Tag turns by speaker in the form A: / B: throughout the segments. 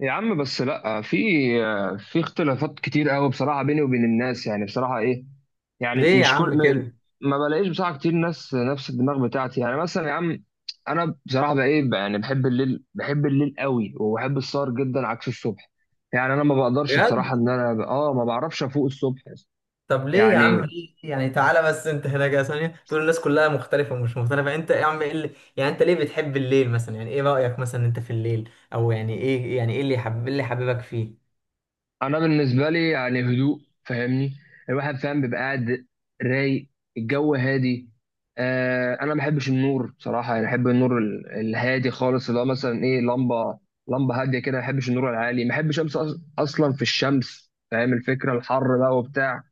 A: يا عم، بس لا في اختلافات كتير قوي بصراحه بيني وبين الناس. يعني بصراحه ايه، يعني
B: ليه يا
A: مش كل
B: عم
A: ما
B: كده؟
A: ما بلاقيش بصراحه كتير ناس نفس الدماغ بتاعتي. يعني مثلا يا عم، انا بصراحه بقى ايه بقى، يعني بحب الليل، بحب الليل قوي، وبحب السهر جدا عكس الصبح. يعني انا ما بقدرش بصراحه
B: بجد؟
A: ان انا ما بعرفش افوق الصبح.
B: طب ليه يا عم؟
A: يعني
B: ليه؟ يعني تعالى بس، انت هنا كده ثانيه، تقول الناس كلها مختلفه ومش مختلفه، انت يا عم ايه اللي يعني؟ انت ليه بتحب الليل مثلا؟ يعني ايه رايك مثلا انت في الليل؟ او يعني ايه، يعني ايه اللي اللي حببك فيه؟
A: انا بالنسبه لي يعني هدوء، فاهمني؟ الواحد فاهم بيبقى قاعد رايق، الجو هادي. آه، انا ما بحبش النور بصراحه، يعني بحب النور الهادي خالص، اللي هو مثلا ايه، لمبه، لمبه هاديه كده. ما بحبش النور العالي، ما بحبش امس اصلا في الشمس، فاهم الفكره، الحر بقى وبتاع.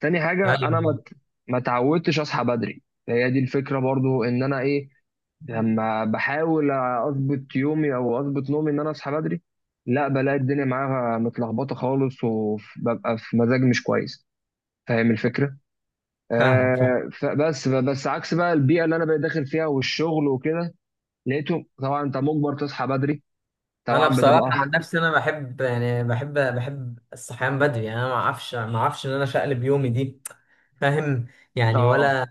A: تاني حاجه
B: ايوه،
A: انا ما اتعودتش اصحى بدري، هي دي الفكره برضو ان انا ايه، لما بحاول اظبط يومي او اظبط نومي ان انا اصحى بدري، لا بلاقي الدنيا معاها متلخبطه خالص، وببقى في مزاج مش كويس، فاهم الفكره.
B: فاهمك.
A: فبس، بس عكس بقى البيئه اللي انا بقيت داخل فيها والشغل وكده، لقيته طبعا انت مجبر تصحى بدري،
B: انا
A: طبعا
B: بصراحه عن
A: بتبقى.
B: نفسي انا بحب، يعني بحب الصحيان بدري. يعني انا ما اعرفش ان انا شقلب يومي دي. فاهم؟ يعني
A: اه،
B: ولا،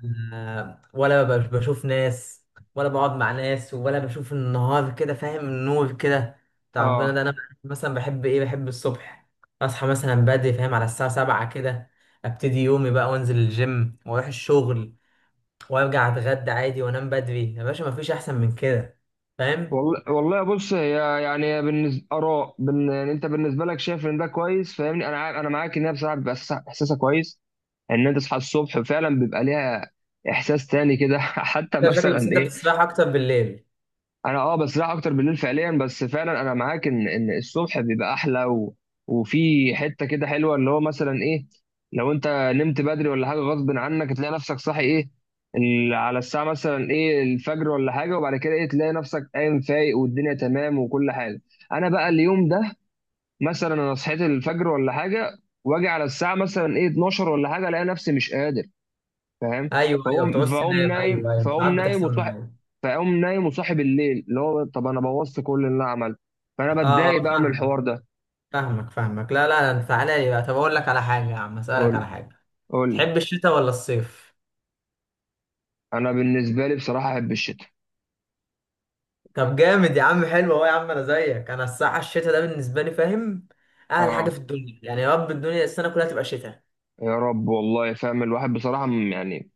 B: ولا بشوف ناس، ولا بقعد مع ناس، ولا بشوف النهار كده، فاهم، النور كده بتاع ربنا
A: اه
B: ده. انا مثلا بحب ايه؟ بحب الصبح. اصحى مثلا بدري، فاهم، على الساعه 7 كده. ابتدي يومي بقى، وانزل الجيم، واروح الشغل، وارجع اتغدى عادي، وانام بدري. يا باشا، مفيش احسن من كده، فاهم؟
A: والله، والله. بص، هي يعني بالنسبه اراء يعني انت بالنسبه لك شايف ان ده كويس، فاهمني، انا معاك ان هي بصراحه بيبقى إحساسها كويس ان انت تصحى الصبح، فعلا بيبقى ليها احساس تاني كده. حتى
B: انت شكلك بس
A: مثلا
B: انت
A: ايه،
B: بتستريح اكتر بالليل.
A: انا اه بسرح اكتر بالليل فعليا، بس فعلا انا معاك ان الصبح بيبقى احلى وفي حته كده حلوه، اللي هو مثلا ايه، لو انت نمت بدري ولا حاجه غصب عنك، تلاقي نفسك صاحي ايه، على الساعه مثلا ايه الفجر ولا حاجه، وبعد كده ايه، تلاقي نفسك قايم فايق والدنيا تمام وكل حاجه. انا بقى اليوم ده، مثلا انا صحيت الفجر ولا حاجه، واجي على الساعه مثلا ايه 12 ولا حاجه، الاقي نفسي مش قادر، فاهم.
B: ايوه ايوه،
A: فاقوم
B: بتعوز
A: فاقوم
B: تنام،
A: نايم،
B: ايوه ايوه، ساعات بتحصل معايا.
A: فاقوم نايم وصاحب الليل، اللي هو طب انا بوظت كل اللي انا عملته، فانا
B: اه
A: بتضايق
B: اه،
A: بقى من
B: فاهمك
A: الحوار ده.
B: فاهمك فاهمك لا لا، انت تعالى لي بقى. طب اقول لك على حاجه يا عم،
A: قول
B: اسالك
A: لي،
B: على حاجه:
A: قول لي.
B: تحب الشتاء ولا الصيف؟
A: انا بالنسبه لي بصراحه احب الشتاء.
B: طب جامد يا عم، حلو اهو يا عم. انا زيك، انا الصراحه الشتاء ده بالنسبه لي، فاهم، اهل حاجه
A: اه،
B: في الدنيا، يعني يا رب الدنيا السنه كلها تبقى شتاء.
A: يا رب والله، فاهم الواحد بصراحه يعني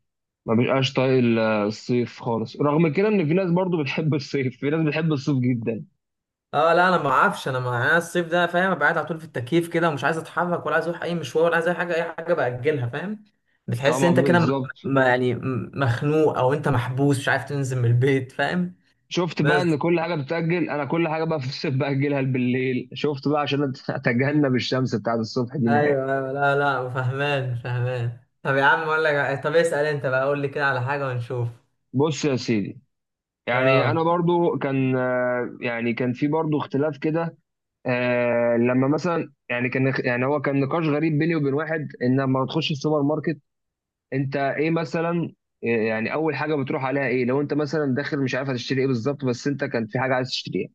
A: ما بيبقاش طايق الصيف خالص، رغم كده ان في ناس برضو بتحب الصيف، في ناس بتحب الصيف جدا.
B: اه لا، انا ما اعرفش، انا ما انا الصيف ده، فاهم، ابقى قاعد على طول في التكييف كده، ومش عايز اتحرك، ولا عايز اروح اي مشوار، ولا عايز اي حاجه، اي حاجه باجلها، فاهم. بتحس
A: طبعا
B: انت كده،
A: بالظبط،
B: يعني مخنوق، او انت محبوس، مش عارف تنزل من البيت، فاهم؟
A: شفت بقى ان
B: بس
A: كل حاجه بتتاجل، انا كل حاجه بقى في الصيف باجلها بالليل، شفت بقى عشان اتجنب الشمس بتاعت الصبح دي.
B: ايوه ايوه، لا لا، فهمان فهمان. طب يا عم اقول لك، طب اسأل انت بقى، قول لي كده على حاجة ونشوف.
A: بص يا سيدي، يعني انا
B: اه،
A: برضو كان يعني كان في برضو اختلاف كده. لما مثلا يعني كان، يعني هو كان نقاش غريب بيني وبين واحد، ان لما تخش السوبر ماركت انت ايه مثلا، يعني اول حاجه بتروح عليها ايه، لو انت مثلا داخل مش عارف هتشتري ايه بالظبط، بس انت كان في حاجه عايز تشتريها.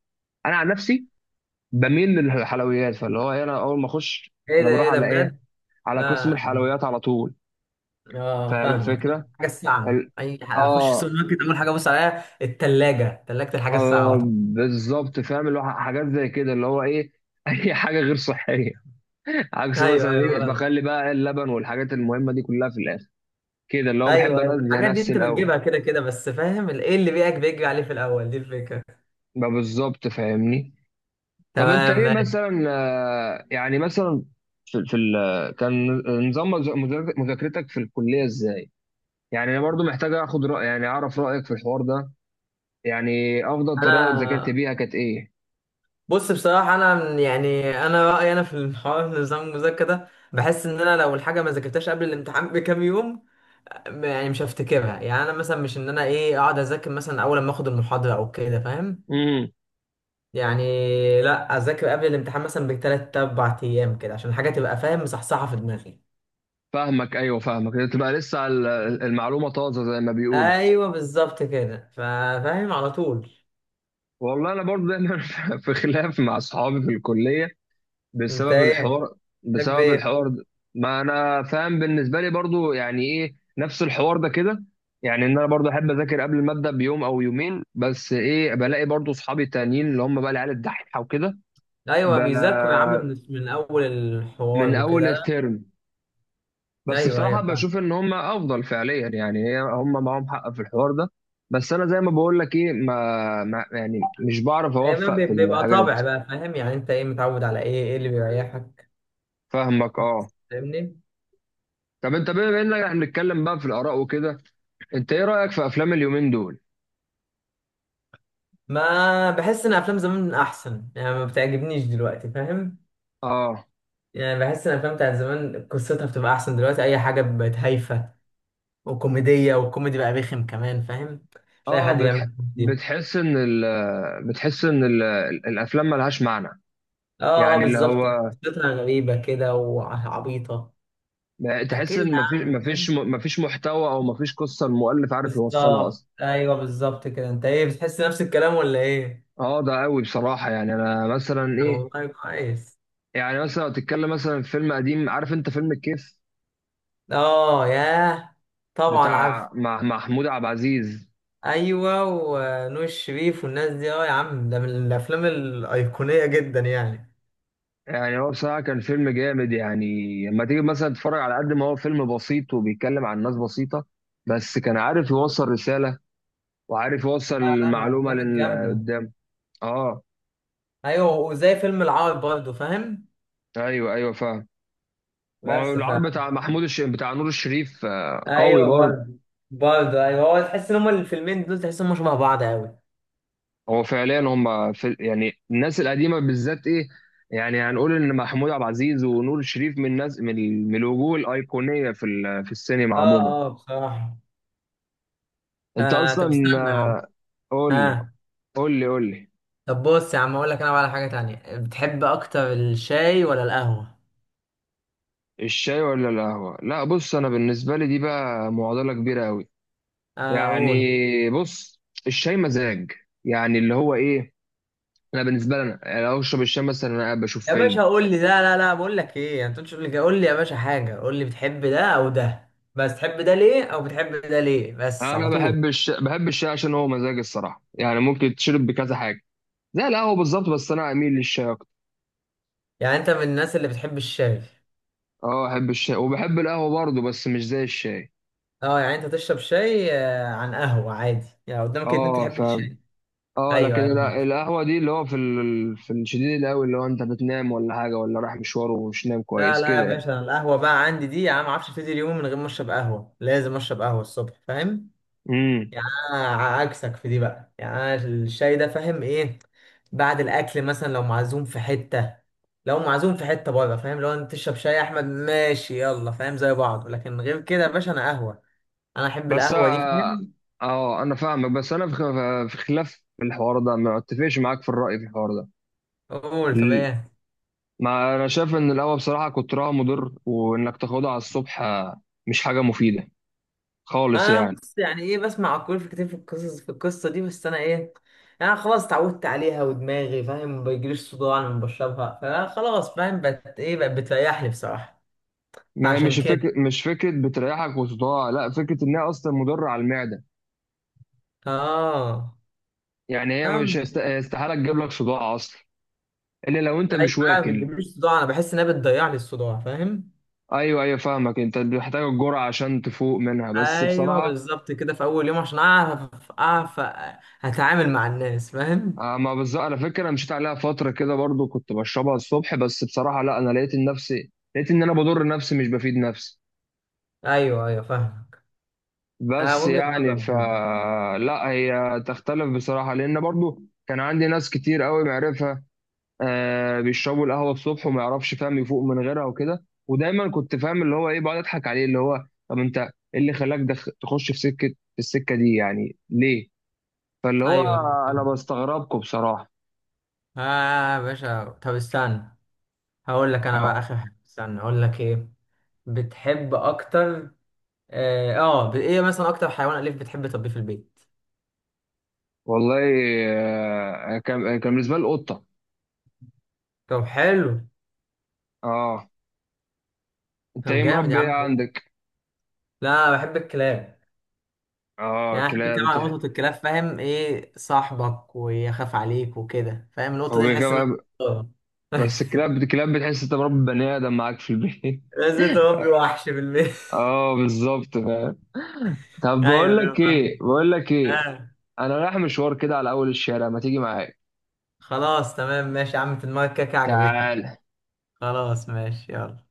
A: انا عن نفسي بميل للحلويات، فاللي هو إيه، انا اول ما اخش،
B: ايه
A: انا
B: ده؟
A: بروح
B: ايه ده؟
A: على ايه،
B: بجد؟
A: على قسم
B: لا.
A: الحلويات على طول.
B: اه
A: فاهم
B: فاهمك.
A: الفكره،
B: حاجة الساعة،
A: ال-
B: اخش
A: اه
B: السوبر ماركت، اول حاجة ابص عليها التلاجة، تلاجة الحاجة الساعة،
A: آه
B: وطبعا.
A: بالظبط فاهم، اللي هو حاجات زي كده، اللي هو ايه اي حاجه غير صحيه عكس
B: ايوه
A: مثلا
B: ايوه
A: ايه
B: فاهم.
A: بخلي بقى اللبن والحاجات المهمه دي كلها في الاخر، كده اللي هو بحب
B: ايوه ايوه،
A: انزه
B: الحاجات دي
A: نفسي
B: انت
A: الاول.
B: بتجيبها كده كده، بس فاهم ايه اللي بيئك بيجري عليه في الاول، دي الفكرة.
A: بقى بالظبط، فاهمني. طب انت
B: تمام
A: ايه
B: ماشي.
A: مثلا، يعني مثلا في كان نظام مذاكرتك في الكليه ازاي؟ يعني انا برضو محتاج اخد راي، يعني اعرف رايك في الحوار ده، يعني افضل طريقه
B: انا
A: ذاكرت بيها كانت ايه.
B: بص، بصراحة أنا يعني أنا رأيي أنا في الحوار، نظام المذاكرة ده بحس إن أنا لو الحاجة ما ذاكرتهاش قبل الامتحان بكام يوم، يعني مش هفتكرها. يعني أنا مثلا مش إن أنا إيه أقعد أذاكر مثلا أول ما آخد المحاضرة أو كده، فاهم يعني؟ لأ، أذاكر قبل الامتحان مثلا بتلات أربع أيام كده، عشان الحاجة تبقى فاهم مصحصحة في دماغي.
A: فاهمك، ايوه فاهمك، تبقى لسه المعلومه طازه زي ما بيقولوا.
B: أيوه بالظبط كده، فاهم على طول.
A: والله انا برضه دايما في خلاف مع اصحابي في الكليه
B: أنت
A: بسبب
B: إيه
A: الحوار،
B: تحب
A: بسبب
B: إيه؟
A: الحوار ده. ما انا فاهم، بالنسبه لي برضه يعني ايه، نفس الحوار ده كده، يعني ان انا برضه احب اذاكر قبل الماده بيوم او يومين، بس ايه، بلاقي برضه اصحابي التانيين اللي هم بقى العيال الدحيحه وكده،
B: أيوه بيذاكروا يا عم،
A: ب-
B: من من أول الحوار
A: من اول
B: وكده، لأ؟
A: الترم. بس
B: أيوه
A: بصراحة
B: أيوه.
A: بشوف إن هم أفضل فعليا، يعني هي هم معاهم حق في الحوار ده، بس أنا زي ما بقول لك إيه، ما, ما يعني مش بعرف
B: هي بقى
A: أوفق في
B: بيبقى
A: الحاجات.
B: طابع بقى، فاهم، يعني انت ايه متعود على ايه، ايه اللي بيريحك؟
A: فاهمك أه.
B: بس فاهمني.
A: طب أنت بما إننا إحنا بنتكلم بقى في الآراء وكده، أنت إيه رأيك في أفلام اليومين دول؟
B: ما بحس ان افلام زمان احسن، يعني ما بتعجبنيش دلوقتي، فاهم.
A: أه،
B: يعني بحس ان الافلام بتاعت زمان قصتها بتبقى احسن، دلوقتي اي حاجه بقت هايفه وكوميديه، والكوميدي بقى رخم كمان، فاهم، مش اي
A: أه،
B: حد بيعمل كوميدي.
A: بتحس إن ال... بتحس إن ال... الأفلام ملهاش معنى،
B: اه اه
A: يعني اللي
B: بالظبط،
A: هو
B: قصتها غريبه كده وعبيطه.
A: تحس
B: فكده يا
A: إن مفيش
B: عم،
A: مفيش
B: فاهم.
A: مفيش محتوى، أو مفيش قصة المؤلف عارف يوصلها
B: بالظبط،
A: أصلا.
B: ايوه بالظبط كده. انت ايه، بتحس نفس الكلام ولا ايه؟
A: اه ده قوي بصراحة، يعني انا مثلا
B: طب
A: ايه،
B: والله كويس.
A: يعني مثلا لو تتكلم مثلا في فيلم قديم، عارف انت فيلم الكيف،
B: اه ياه، طبعا عارف.
A: بتاع مع محمود عبد العزيز،
B: ايوه، ونور الشريف والناس دي، اه يا عم، ده من الافلام الايقونيه جدا يعني.
A: يعني هو بصراحة كان فيلم جامد يعني، لما تيجي مثلا تتفرج على، قد ما هو فيلم بسيط وبيتكلم عن ناس بسيطة، بس كان عارف يوصل رسالة وعارف يوصل
B: لا لا، من
A: المعلومة
B: الافلام
A: للي
B: الجامده.
A: قدام. اه،
B: ايوه، وزي فيلم العار برضه، فاهم.
A: ايوه ايوه فاهم. ما هو
B: بس ف،
A: العرض بتاع محمود بتاع نور الشريف قوي
B: ايوه
A: برضه.
B: برضه. برضه ايوه، هو تحس ان هما الفيلمين دول، تحس ان هما شبه بعض قوي.
A: هو فعليا هم في، يعني الناس القديمه بالذات ايه، يعني هنقول ان محمود عبد العزيز ونور الشريف من الناس، من الوجوه الايقونيه في السينما
B: اه
A: عموما.
B: اه بصراحه.
A: انت
B: آه طب
A: اصلا،
B: استنى يا عم.
A: قول لي،
B: اه،
A: قول لي، قول لي.
B: طب بص يا عم اقول لك، انا بقى على حاجه تانية: بتحب اكتر الشاي ولا القهوه؟
A: الشاي ولا القهوه، لا بص انا بالنسبه لي دي بقى معضله كبيره قوي.
B: آه قول.
A: يعني بص، الشاي مزاج، يعني اللي هو ايه، انا بالنسبه لي انا يعني لو اشرب الشاي مثلا انا قاعد بشوف
B: يا باشا
A: فيلم.
B: قول لي ده، لا لا، بقول لك ايه، انت تقولش، قول لي كده، قول لي يا باشا حاجه، قول لي بتحب ده او ده، بس تحب ده ليه، او بتحب ده ليه، بس
A: انا
B: على طول.
A: بحب الشاي، بحب الشاي عشان هو مزاج الصراحه، يعني ممكن تشرب بكذا حاجه زي القهوة بالظبط، بس أنا أميل للشاي أكتر.
B: يعني انت من الناس اللي بتحب الشاي؟
A: أه، أحب الشاي وبحب القهوة برضه، بس مش زي الشاي.
B: اه، يعني انت تشرب شاي، آه، عن قهوه عادي؟ يعني قدامك اتنين،
A: أه
B: تحب
A: فاهم،
B: الشاي؟
A: أه
B: ايوه
A: لكن
B: ايوه، أنا عارف.
A: القهوة دي اللي هو في الشديد القوي، اللي هو أنت بتنام ولا حاجة ولا رايح مشوار ومش نام
B: لا
A: كويس
B: لا يا
A: كده يعني.
B: باشا، أنا القهوه بقى عندي دي يا عم، ما اعرفش ابتدي اليوم من غير ما اشرب قهوه، لازم اشرب قهوه الصبح، فاهم.
A: امم
B: يعني انا عكسك في دي بقى. يعني انا الشاي ده، فاهم ايه، بعد الاكل مثلا، لو معزوم في حته، لو معزوم في حته بره، فاهم، لو انت تشرب شاي يا احمد ماشي، يلا، فاهم، زي بعض. لكن غير كده يا باشا، انا قهوه، انا احب
A: بس
B: القهوه دي،
A: أه،
B: فاهم.
A: أنا فاهمك، بس أنا في خلاف في الحوار ده، ما أتفقش معاك في الرأي في الحوار ده.
B: قول طب
A: ال-
B: ايه؟
A: ما أنا شايف إن القهوة بصراحة كترها مضر، وإنك تاخدها على الصبح مش حاجة مفيدة خالص
B: انا
A: يعني.
B: بص، يعني ايه، بسمع كل في كتير في القصص في القصه دي، بس انا ايه، يعني خلاص اتعودت عليها، ودماغي فاهم ما بيجيليش صداع لما بشربها، فخلاص فاهم، بقت ايه، بقت بتريحني بصراحه.
A: ما هي مش
B: فعشان
A: فكرة،
B: كده،
A: مش فكرة بتريحك وصداع، لا، فكرة إن هي أصلا مضرة على المعدة.
B: اه،
A: يعني هي مش استحالة تجيب لك صداع أصلا، إلا لو أنت
B: ايوه.
A: مش
B: لا ما
A: واكل.
B: بتجيبليش صداع، انا بحس انها بتضيع لي الصداع، فاهم.
A: أيوه أيوه فاهمك، أنت محتاج الجرعة عشان تفوق منها، بس
B: ايوه
A: بصراحة
B: بالظبط كده، في اول يوم، عشان اعرف، اعرف هتعامل مع الناس، فاهم.
A: ما بالظبط، على فكرة أنا مشيت عليها فترة كده برضو كنت بشربها الصبح، بس بصراحة لا، أنا لقيت نفسي، لقيت إن أنا بضر نفسي، مش بفيد نفسي،
B: ايوه ايوه فاهمك. آه،
A: بس
B: وجهة نظر
A: يعني ف.
B: برضه.
A: لا، هي تختلف بصراحة، لأن برضو كان عندي ناس كتير قوي معرفة آه بيشربوا القهوه الصبح وما يعرفش فاهم يفوق من غيرها وكده، ودايما كنت فاهم اللي هو ايه، بقعد اضحك عليه، اللي هو طب انت ايه اللي خلاك تخش في سكه، في السكه دي يعني ليه. فاللي هو
B: ايوه ايوه
A: انا
B: فاهمك.
A: بستغربكم بصراحه.
B: اه آه، يا باشا طب استنى، هقول لك انا بقى
A: اه
B: اخر حاجه، استنى اقول لك ايه بتحب اكتر. اه آه، ايه مثلا اكتر حيوان اليف بتحب تربيه في البيت؟
A: والله، كان بالنسبه لي القطه.
B: طب حلو.
A: اه، انت
B: طب
A: ايه
B: جامد يا
A: مربي ايه
B: عم.
A: عندك؟
B: لا أنا بحب الكلاب.
A: اه،
B: يعني أنا بحب كمان نقطة الكلاب، فاهم، ايه صاحبك ويخاف عليك وكده، فاهم النقطة
A: هو
B: دي، تحس انها
A: بيكلم-
B: آه.
A: بس الكلاب بتحس انت مربي بني ادم معاك في البيت.
B: بس انت ربي وحش بالبيت.
A: اه بالظبط فاهم. طب
B: ايوه
A: بقول لك
B: ايوه
A: ايه،
B: فاهم.
A: بقول لك ايه،
B: آه.
A: انا رايح مشوار كده على اول الشارع، ما تيجي معايا؟
B: خلاص تمام ماشي يا عم، في دماغك كده كده، عجبتني.
A: تعال.
B: خلاص، ماشي، يلا.